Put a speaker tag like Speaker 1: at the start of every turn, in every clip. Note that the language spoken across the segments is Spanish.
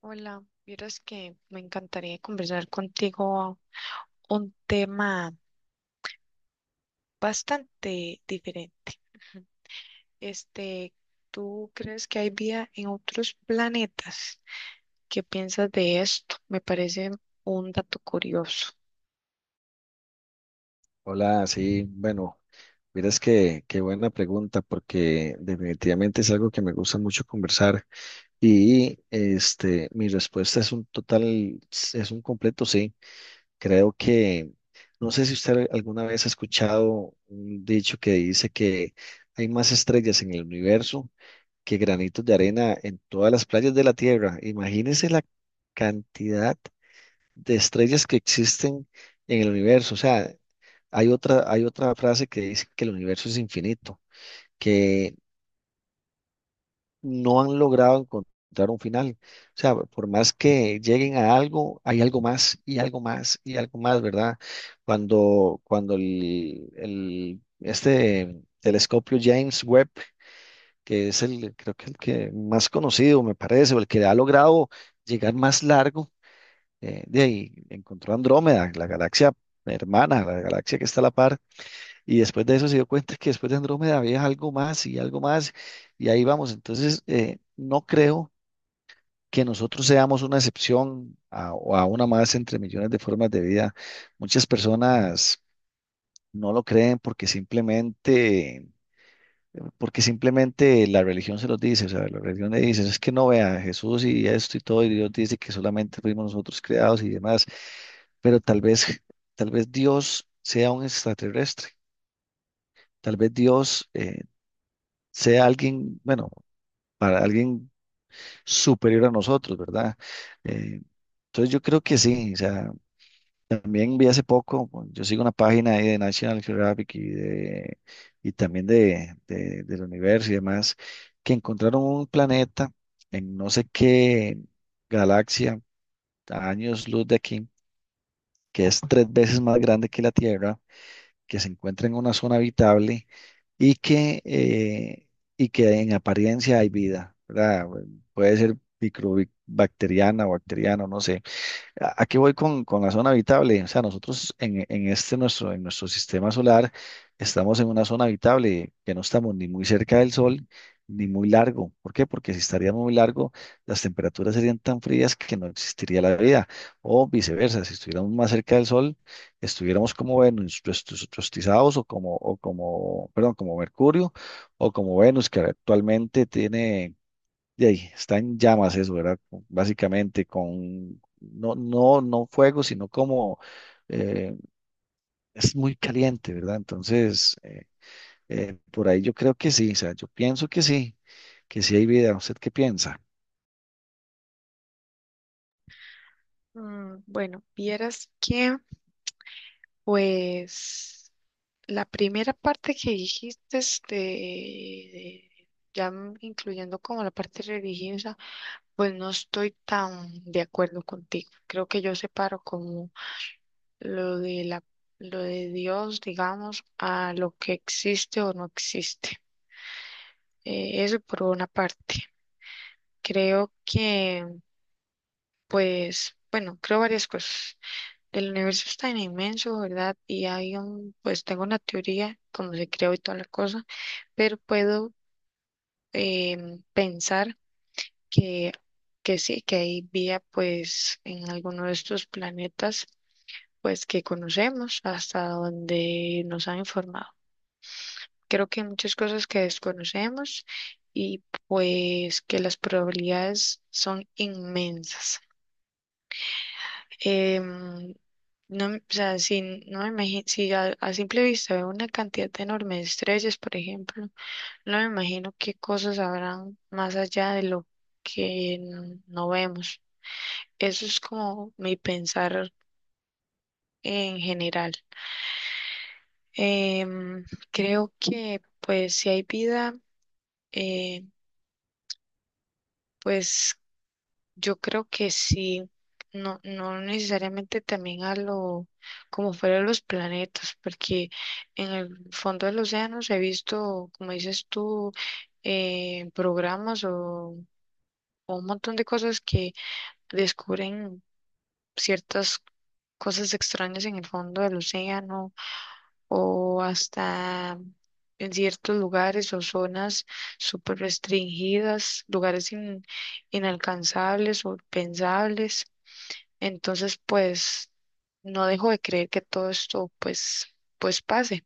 Speaker 1: Hola, vieras que me encantaría conversar contigo un tema bastante diferente. Ujú. Este, ¿Tú crees que hay vida en otros planetas? ¿Qué piensas de esto? Me parece un dato curioso.
Speaker 2: Hola, sí, bueno, miras que qué buena pregunta porque definitivamente es algo que me gusta mucho conversar y este mi respuesta es un total, es un completo sí. Creo que no sé si usted alguna vez ha escuchado un dicho que dice que hay más estrellas en el universo que granitos de arena en todas las playas de la Tierra. Imagínese la cantidad de estrellas que existen en el universo. O sea, hay otra frase que dice que el universo es infinito, que no han logrado encontrar un final. O sea, por más que lleguen a algo, hay algo más y algo más y algo más, ¿verdad? Cuando este telescopio James Webb, que es el, creo que el que más conocido me parece, o el que ha logrado llegar más largo de ahí encontró Andrómeda, la galaxia hermana, la galaxia que está a la par, y después de eso se dio cuenta que después de Andrómeda había algo más, y ahí vamos. Entonces, no creo que nosotros seamos una excepción a, o a una más entre millones de formas de vida. Muchas personas no lo creen porque simplemente la religión se los dice, o sea, la religión le dice, es que no vea Jesús y esto y todo, y Dios dice que solamente fuimos nosotros creados y demás. Pero tal vez Dios sea un extraterrestre, tal vez Dios sea alguien, bueno, para alguien superior a nosotros, ¿verdad? Eh, entonces yo creo que sí, o sea, también vi hace poco, bueno, yo sigo una página ahí de National Geographic y, de, y también del universo y demás, que encontraron un planeta en no sé qué galaxia, a años luz de aquí, que es tres veces más grande que la Tierra, que se encuentra en una zona habitable y que, eh, y que en apariencia hay vida, ¿verdad? Puede ser microbacteriana o bacteriana, no sé a qué voy con la zona habitable. O sea, nosotros en este nuestro, en nuestro sistema solar estamos en una zona habitable que no estamos ni muy cerca del sol ni muy largo. ¿Por qué? Porque si estaríamos muy largo, las temperaturas serían tan frías que no existiría la vida. O viceversa, si estuviéramos más cerca del sol, estuviéramos como Venus, rostizados o como, perdón, como Mercurio o como Venus, que actualmente tiene de ahí, está en llamas eso, ¿verdad? Básicamente con, no, no, no fuego, sino como eh, es muy caliente, ¿verdad? Entonces, por ahí yo creo que sí, o sea, yo pienso que sí hay vida. ¿Usted qué piensa?
Speaker 1: Mm, bueno, vieras que, pues, la primera parte que dijiste, ya incluyendo como la parte religiosa. Pues no estoy tan de acuerdo contigo. Creo que yo separo como lo de la, lo de Dios, digamos, a lo que existe o no existe. Eso por una parte. Creo que, pues, bueno, creo varias cosas. El universo es tan inmenso, ¿verdad? Y hay un, pues tengo una teoría, como se creó y toda la cosa, pero puedo pensar que, que sí, que hay vida, pues, en alguno de estos planetas pues que conocemos hasta donde nos han informado. Creo que hay muchas cosas que desconocemos y pues que las probabilidades son inmensas. Em, no, o sea, si no me imagino, si a simple vista veo una cantidad enorme de estrellas, por ejemplo, no me imagino qué cosas habrán más allá de lo que no vemos. Eso es como mi pensar en general. Em, Creo que pues si hay vida, eh, pues yo creo que sí, no, no necesariamente también a lo como fuera de los planetas, porque en el fondo de los océanos he visto, como dices tú, programas o un montón de cosas que descubren ciertas cosas extrañas en el fondo del océano o hasta en ciertos lugares o zonas súper restringidas, lugares inalcanzables o pensables. Entonces, pues no dejo de creer que todo esto pues pase.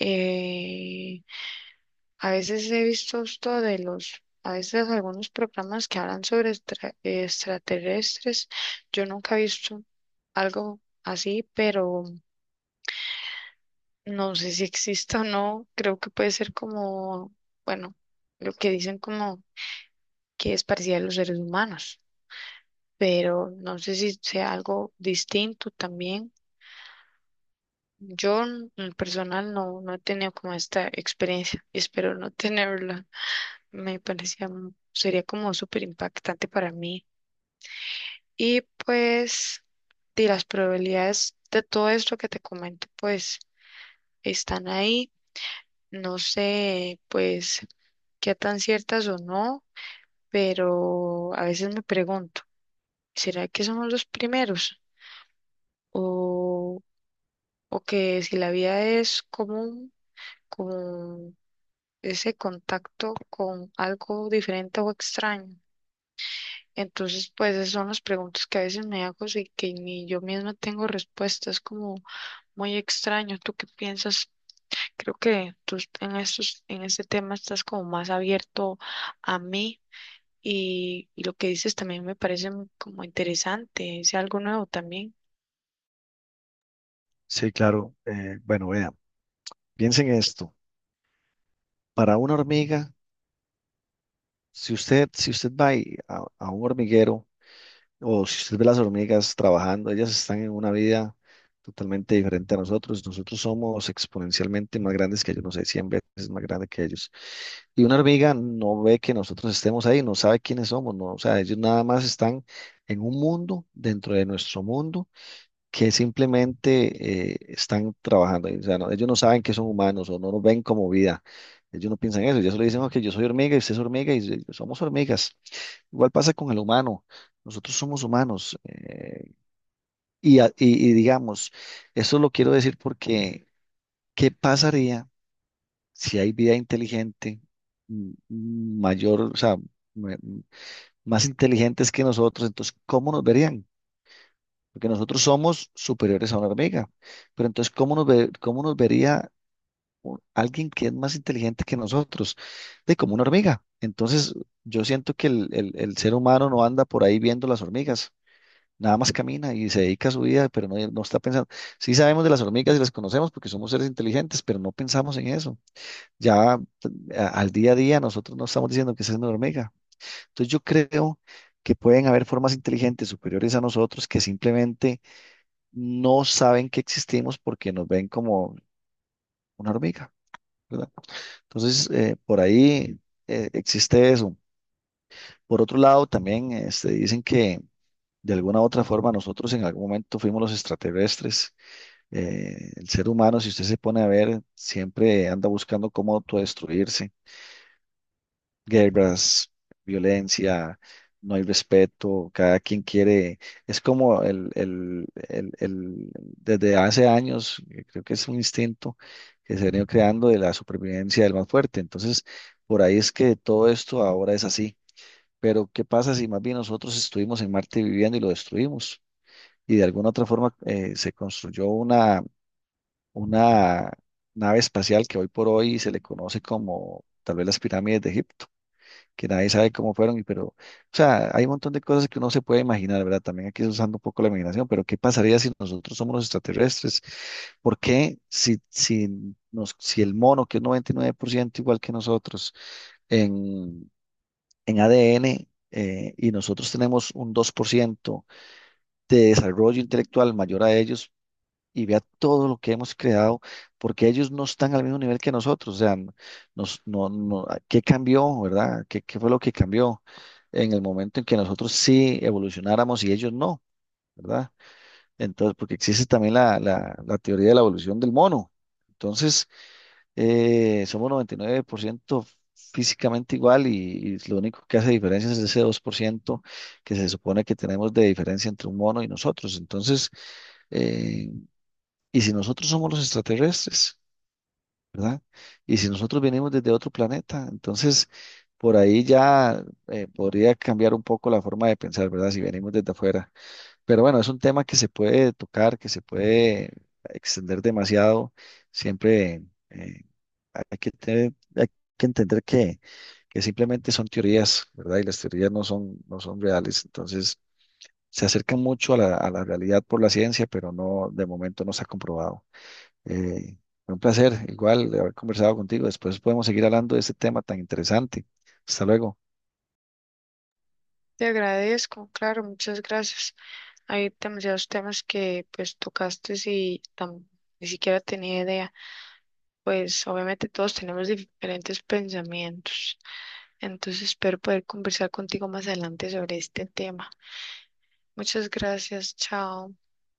Speaker 1: Eh, a veces he visto esto de los, a veces algunos programas que hablan sobre extraterrestres. Yo nunca he visto algo así, pero no sé si exista o no. Creo que puede ser como, bueno, lo que dicen como que es parecida a los seres humanos, pero no sé si sea algo distinto también. Yo en lo personal no, no he tenido como esta experiencia, y espero no tenerla. Me parecía, sería como súper impactante para mí. Y pues, de las probabilidades de todo esto que te comento, pues están ahí. No sé, pues, qué tan ciertas o no, pero a veces me pregunto, ¿será que somos los primeros? ¿O, o que si la vida es común, como ese contacto con algo diferente o extraño? Entonces, pues esas son las preguntas que a veces me hago y que ni yo misma tengo respuestas, como muy extraño. ¿Tú qué piensas? Creo que tú en en este tema estás como más abierto a mí, y lo que dices también me parece como interesante, es algo nuevo también.
Speaker 2: Sí, claro. Bueno, vean, piensen esto. Para una hormiga, si usted, si usted va y a un hormiguero, o si usted ve las hormigas trabajando, ellas están en una vida totalmente diferente a nosotros. Nosotros somos exponencialmente más grandes que ellos, no sé, 100 veces más grandes que ellos. Y una hormiga no ve que nosotros estemos ahí, no sabe quiénes somos, no, o sea, ellos nada más están en un mundo dentro de nuestro mundo que simplemente están trabajando. Ahí. O sea, ellos no saben que son humanos o no nos ven como vida. Ellos no piensan eso, ellos solo dicen, ok, yo soy hormiga y usted es hormiga y somos hormigas. Igual pasa con el humano. Nosotros somos humanos. Y, y digamos, eso lo quiero decir porque, ¿qué pasaría si hay vida inteligente mayor, o sea, me- mm, más inteligentes que nosotros? Entonces, ¿cómo nos verían? Porque nosotros somos superiores a una hormiga. Pero entonces, ¿cómo nos vería alguien que es más inteligente que nosotros? De como una hormiga. Entonces, yo siento que el ser humano no anda por ahí viendo las hormigas. Nada más camina y se dedica a su vida, pero no, no está pensando. Sí sabemos de las hormigas y las conocemos porque somos seres inteligentes, pero no pensamos en eso. Ya al día a día nosotros no estamos diciendo que esa es una hormiga. Entonces yo creo que pueden haber formas inteligentes superiores a nosotros que simplemente no saben que existimos porque nos ven como una hormiga, ¿verdad? Entonces por ahí existe eso. Por otro lado, también este, dicen que de alguna u otra forma nosotros en algún momento fuimos los extraterrestres. El ser humano, si usted se pone a ver, siempre anda buscando cómo autodestruirse. Guerras, violencia, no hay respeto, cada quien quiere. Es como desde hace años, creo que es un instinto que se ha venido creando de la supervivencia del más fuerte. Entonces, por ahí es que todo esto ahora es así. Pero, ¿qué pasa si más bien nosotros estuvimos en Marte viviendo y lo destruimos? Y de alguna otra forma se construyó una nave espacial que hoy por hoy se le conoce como tal vez las pirámides de Egipto, que nadie sabe cómo fueron, y pero, o sea, hay un montón de cosas que uno se puede imaginar, ¿verdad? También aquí usando un poco la imaginación, pero ¿qué pasaría si nosotros somos los extraterrestres? ¿Por qué si el mono, que es 99% igual que nosotros en, en ADN, y nosotros tenemos un 2% de desarrollo intelectual mayor a ellos, y vea todo lo que hemos creado, porque ellos no están al mismo nivel que nosotros, o sea, n- nos, no, no, ah, ¿qué cambió, verdad? ¿Qué, qué fue lo que cambió en el momento en que nosotros sí evolucionáramos y ellos no, ¿verdad? Entonces, porque existe también la teoría de la evolución del mono. Entonces, somos 99% físicamente igual y lo único que hace diferencia es ese 2% que se supone que tenemos de diferencia entre un mono y nosotros. Entonces, eh, y si nosotros somos los extraterrestres, ¿verdad? Y si nosotros venimos desde otro planeta, entonces por ahí ya podría cambiar un poco la forma de pensar, ¿verdad? Si venimos desde afuera. Pero bueno, es un tema que se puede tocar, que se puede extender demasiado. Siempre eh, hay que entender que simplemente son teorías, ¿verdad? Y las teorías no son, no son reales. Entonces se acercan mucho a la realidad por la ciencia, pero no, de momento no se ha comprobado. Eh, Fue un placer, igual, de haber conversado contigo. Después podemos seguir hablando de este tema tan interesante. Hasta luego.
Speaker 1: Te agradezco, claro, muchas gracias. Hay demasiados temas que pues tocaste y ni siquiera tenía idea. Pues obviamente todos tenemos diferentes pensamientos, entonces espero poder conversar contigo más adelante sobre este tema. Muchas gracias, chao.